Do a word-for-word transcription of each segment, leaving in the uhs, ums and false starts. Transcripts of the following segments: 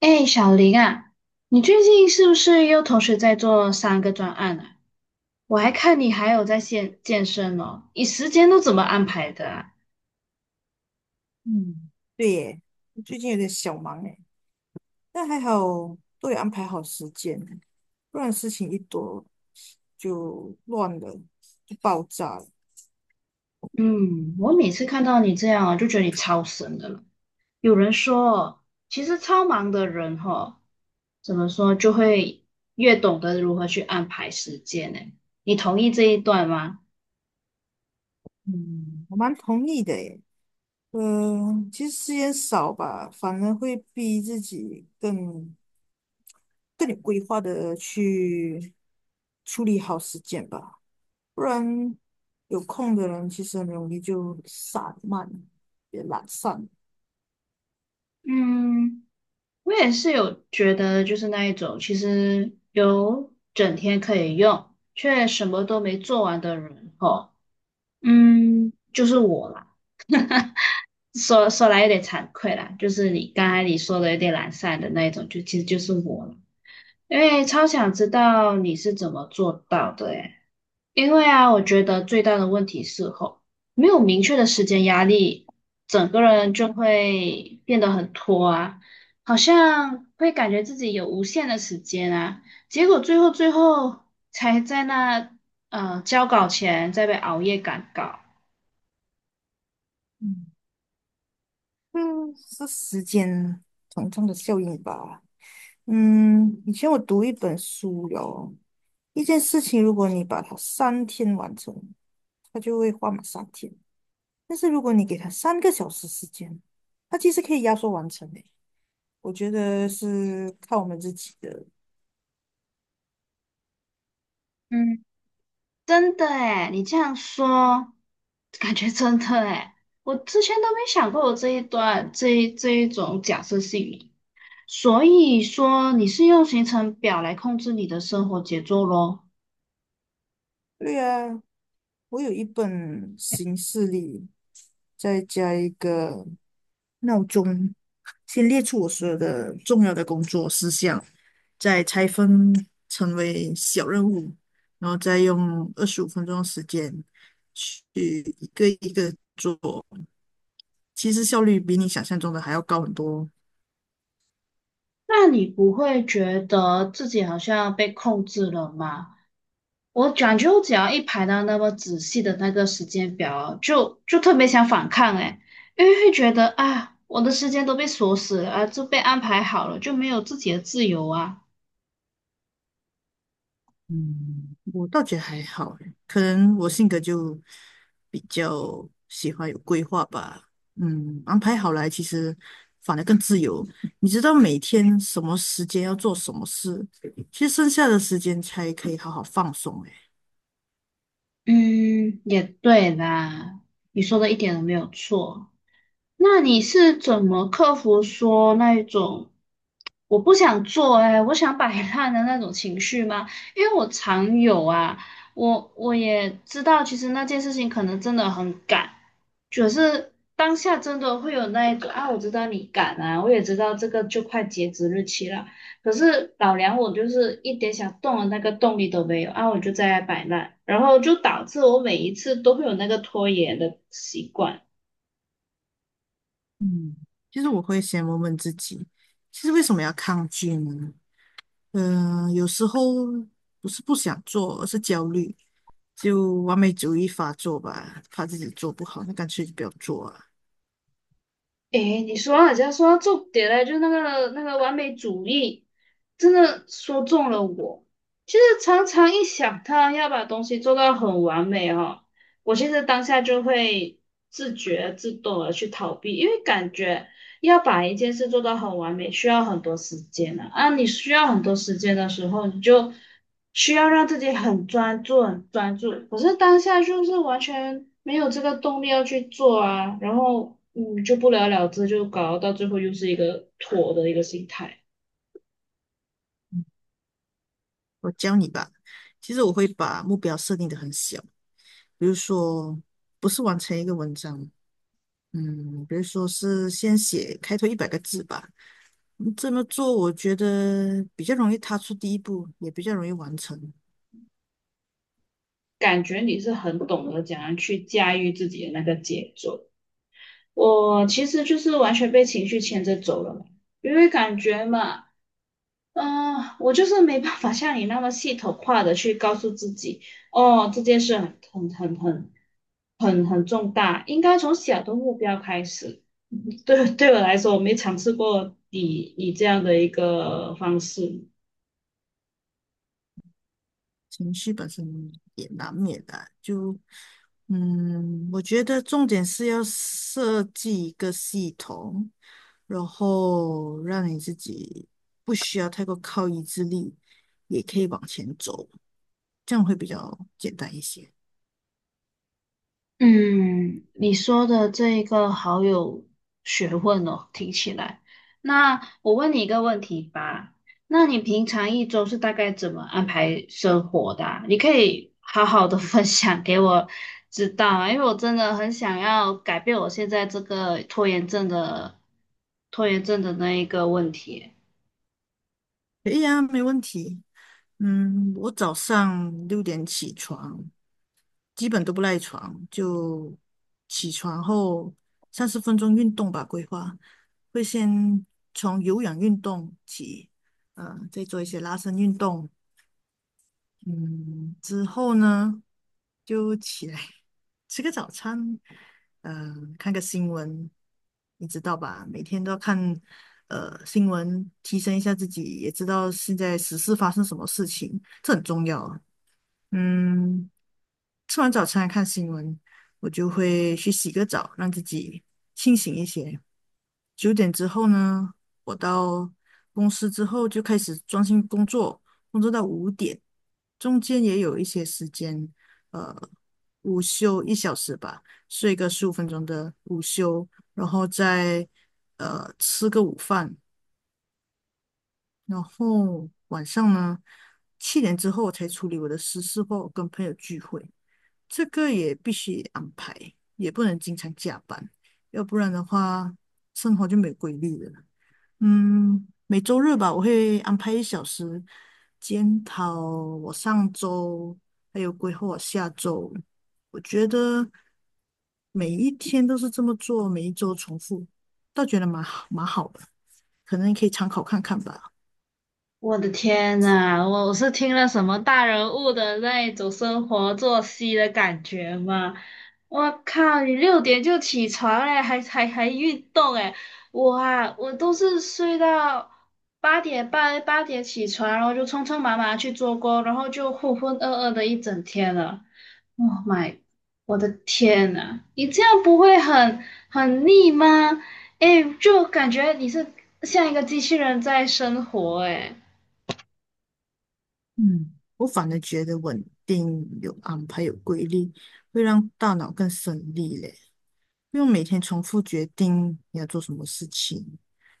哎，小林啊，你最近是不是又同时在做三个专案啊？我还看你还有在健健身哦，你时间都怎么安排的啊？嗯，对耶，我最近有点小忙诶，但还好都有安排好时间，不然事情一多就乱了，就爆炸了。嗯，我每次看到你这样啊，就觉得你超神的了。有人说，其实超忙的人哈、怎么说就会越懂得如何去安排时间呢？你同意这一段吗？嗯，我蛮同意的耶。嗯、其实时间少吧，反而会逼自己更更有规划的去处理好时间吧，不然有空的人其实很容易就散漫，也懒散。嗯。我也是有觉得，就是那一种，其实有整天可以用，却什么都没做完的人，哦，嗯，就是我啦。说说来有点惭愧啦，就是你刚才你说的有点懒散的那一种，就其实就是我了。因为超想知道你是怎么做到的诶因为啊，我觉得最大的问题是吼，没有明确的时间压力，整个人就会变得很拖啊，好像会感觉自己有无限的时间啊，结果最后最后才在那呃交稿前再被熬夜赶稿。嗯。嗯，是时间膨胀的效应吧？嗯，以前我读一本书哟，一件事情，如果你把它三天完成，它就会花满三天；但是如果你给它三个小时时间，它其实可以压缩完成的。我觉得是看我们自己的。嗯，真的诶，你这样说，感觉真的诶，我之前都没想过我这一段这一这一种假设性。所以说你是用行程表来控制你的生活节奏咯，对啊，我有一本形式历，再加一个，闹钟，先列出我所有的重要的工作事项，再拆分成为小任务，然后再用二十五分钟的时间去一个一个做。其实效率比你想象中的还要高很多哦。那你不会觉得自己好像被控制了吗？我感觉我只要一排到那么仔细的那个时间表，就就特别想反抗诶，因为会觉得啊，我的时间都被锁死了啊，就被安排好了，就没有自己的自由啊。嗯，我倒觉得还好欸，可能我性格就比较喜欢有规划吧。嗯，安排好来，其实反而更自由。你知道每天什么时间要做什么事，其实剩下的时间才可以好好放松。诶，嗯，也对啦，你说的一点都没有错。那你是怎么克服说那一种？我不想做哎、我想摆烂的那种情绪吗？因为我常有啊，我我也知道，其实那件事情可能真的很赶，可是当下真的会有那一种啊，我知道你赶啊，我也知道这个就快截止日期了，可是老娘我就是一点想动的那个动力都没有啊，我就在那摆烂，然后就导致我每一次都会有那个拖延的习惯。嗯，其实我会先问问自己，其实为什么要抗拒呢？嗯、有时候不是不想做，而是焦虑，就完美主义发作吧，怕自己做不好，那干脆就不要做啊。诶，你说到人家说到重点嘞，就那个那个完美主义，真的说中了我。其实常常一想到要把东西做到很完美哦，我现在当下就会自觉自动的去逃避，因为感觉要把一件事做到很完美，需要很多时间的啊。你需要很多时间的时候，你就需要让自己很专注、很专注。可是当下就是完全没有这个动力要去做啊，然后嗯，就不了了之，就搞到最后又是一个妥的一个心态。我教你吧。其实我会把目标设定的很小，比如说不是完成一个文章，嗯，比如说是先写开头一百个字吧。嗯这么做我觉得比较容易踏出第一步，也比较容易完成。感觉你是很懂得怎样去驾驭自己的那个节奏。我其实就是完全被情绪牵着走了嘛，因为感觉嘛。嗯，我就是没办法像你那么系统化的去告诉自己，哦，这件事很很很很很很重大，应该从小的目标开始。对对我来说，我没尝试过以以这样的一个方式。情绪本身也难免的，就嗯，我觉得重点是要设计一个系统，然后让你自己不需要太过靠意志力，也可以往前走。这样会比较简单一些。嗯，你说的这一个好有学问哦，听起来。那我问你一个问题吧，那你平常一周是大概怎么安排生活的啊你可以好好的 分享给我知道啊，因为我真的很想要改变我现在这个拖延症的拖延症的那一个问题。可以啊，没问题。嗯，我早上六点起床，基本都不赖床，就起床后三十分钟运动吧，规划会先从有氧运动起，呃，再做一些拉伸运动，嗯，之后呢，就起来 吃个早餐，呃，看个新闻，你知道吧？每天都要看呃新闻，提升一下自己，也知道现在时事发生什么事情，这很重要啊。嗯，吃完早餐看新闻，我就会去洗个澡，让自己清醒一些。九点之后呢，我到公司之后就开始专心工作，工作到五点，中间也有一些时间，呃，午休一小时吧，睡个十五分钟的午休，然后再呃吃个午饭，然后晚上呢七点之后才处理我的私事或跟朋友聚会，这个也必须安排，也不能经常加班，要不然的话生活就没有规律了。嗯，每周日吧，我会安排一小时检讨我上周，还有规划我下周。我觉得每一天都是这么做，每一周重复，倒觉得蛮好，蛮好的，可能你可以参考看看吧。我的天呐，我我是听了什么大人物的那一种生活作息的感觉吗？我靠，你六点就起床哎，还还还运动哎，我啊，我都是睡到八点半八点起床，然后就匆匆忙忙去做工，然后就浑浑噩噩的一整天了。Oh my，我的天呐，你这样不会很很腻吗？哎，就感觉你是像一个机器人在生活哎。嗯，我反而觉得稳定、有安排、有规律，会让大脑更省力嘞，不用每天重复决定你要做什么事情。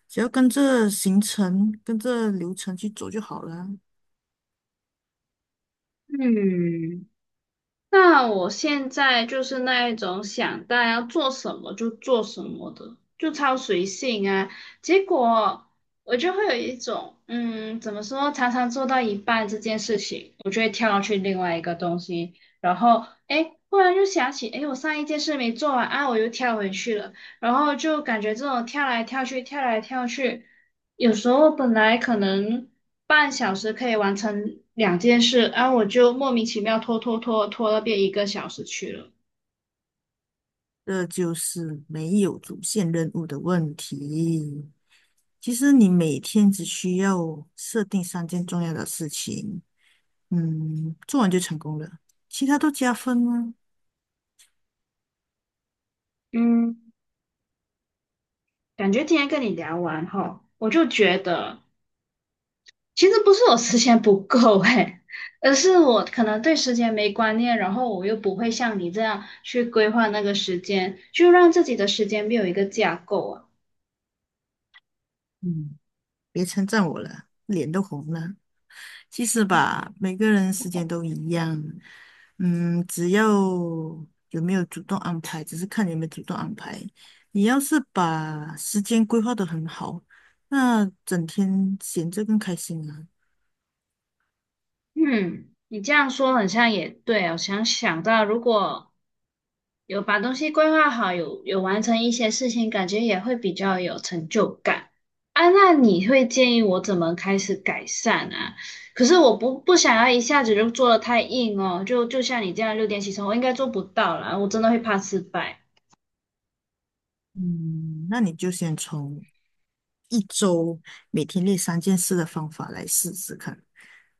只要跟着行程、跟着流程去走就好了。嗯，那我现在就是那一种想到要做什么就做什么的，就超随性啊。结果我就会有一种，嗯，怎么说，常常做到一半这件事情，我就会跳去另外一个东西，然后，诶，忽然又想起，诶，我上一件事没做完啊，我又跳回去了。然后就感觉这种跳来跳去、跳来跳去，有时候本来可能半小时可以完成两件事，然后我就莫名其妙拖拖拖拖到变一个小时去了。这就是没有主线任务的问题。其实你每天只需要设定三件重要的事情，嗯，做完就成功了，其他都加分吗？嗯，感觉今天跟你聊完哈，我就觉得其实不是我时间不够诶，而是我可能对时间没观念，然后我又不会像你这样去规划那个时间，就让自己的时间没有一个架构啊。嗯，别称赞我了，脸都红了。其实吧，每个人时间都一样，嗯，只要有没有主动安排，只是看你有没有主动安排。你要是把时间规划得很好，那整天闲着更开心啊。嗯，你这样说很像也对哦。想想到如果有把东西规划好，有有完成一些事情，感觉也会比较有成就感。啊，那你会建议我怎么开始改善啊？可是我不不想要一下子就做的太硬哦，就就像你这样六点起床，我应该做不到啦，我真的会怕失败。嗯，那你就先从一周每天列三件事的方法来试试看，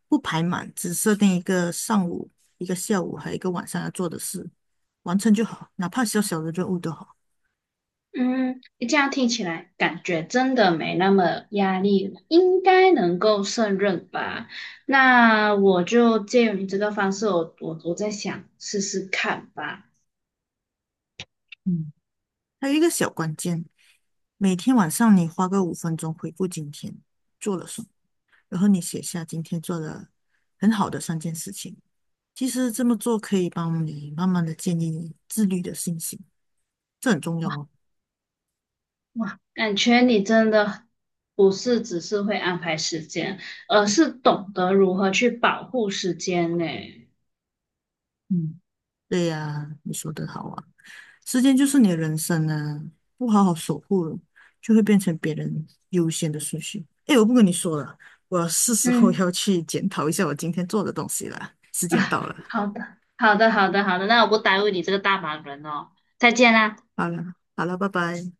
不排满，只设定一个上午、一个下午还有一个晚上要做的事，完成就好，哪怕小小的任务都好。嗯，这样听起来感觉真的没那么压力了，应该能够胜任吧？那我就借由你这个方式，我我我在想试试看吧。嗯，还有一个小关键，每天晚上你花个五分钟回顾今天做了什么，然后你写下今天做了很好的三件事情。其实这么做可以帮你慢慢的建立自律的信心，这很重要哦。哇，感觉你真的不是只是会安排时间，而是懂得如何去保护时间呢。嗯。对呀，你说的好啊，时间就是你的人生啊，不好好守护了就会变成别人优先的顺序。诶，我不跟你说了，我是时候嗯要去检讨一下我今天做的东西了，时间啊，到了，好的，好的，好的，好的，那我不耽误你这个大忙人哦，再见啦。好了，好了，拜拜。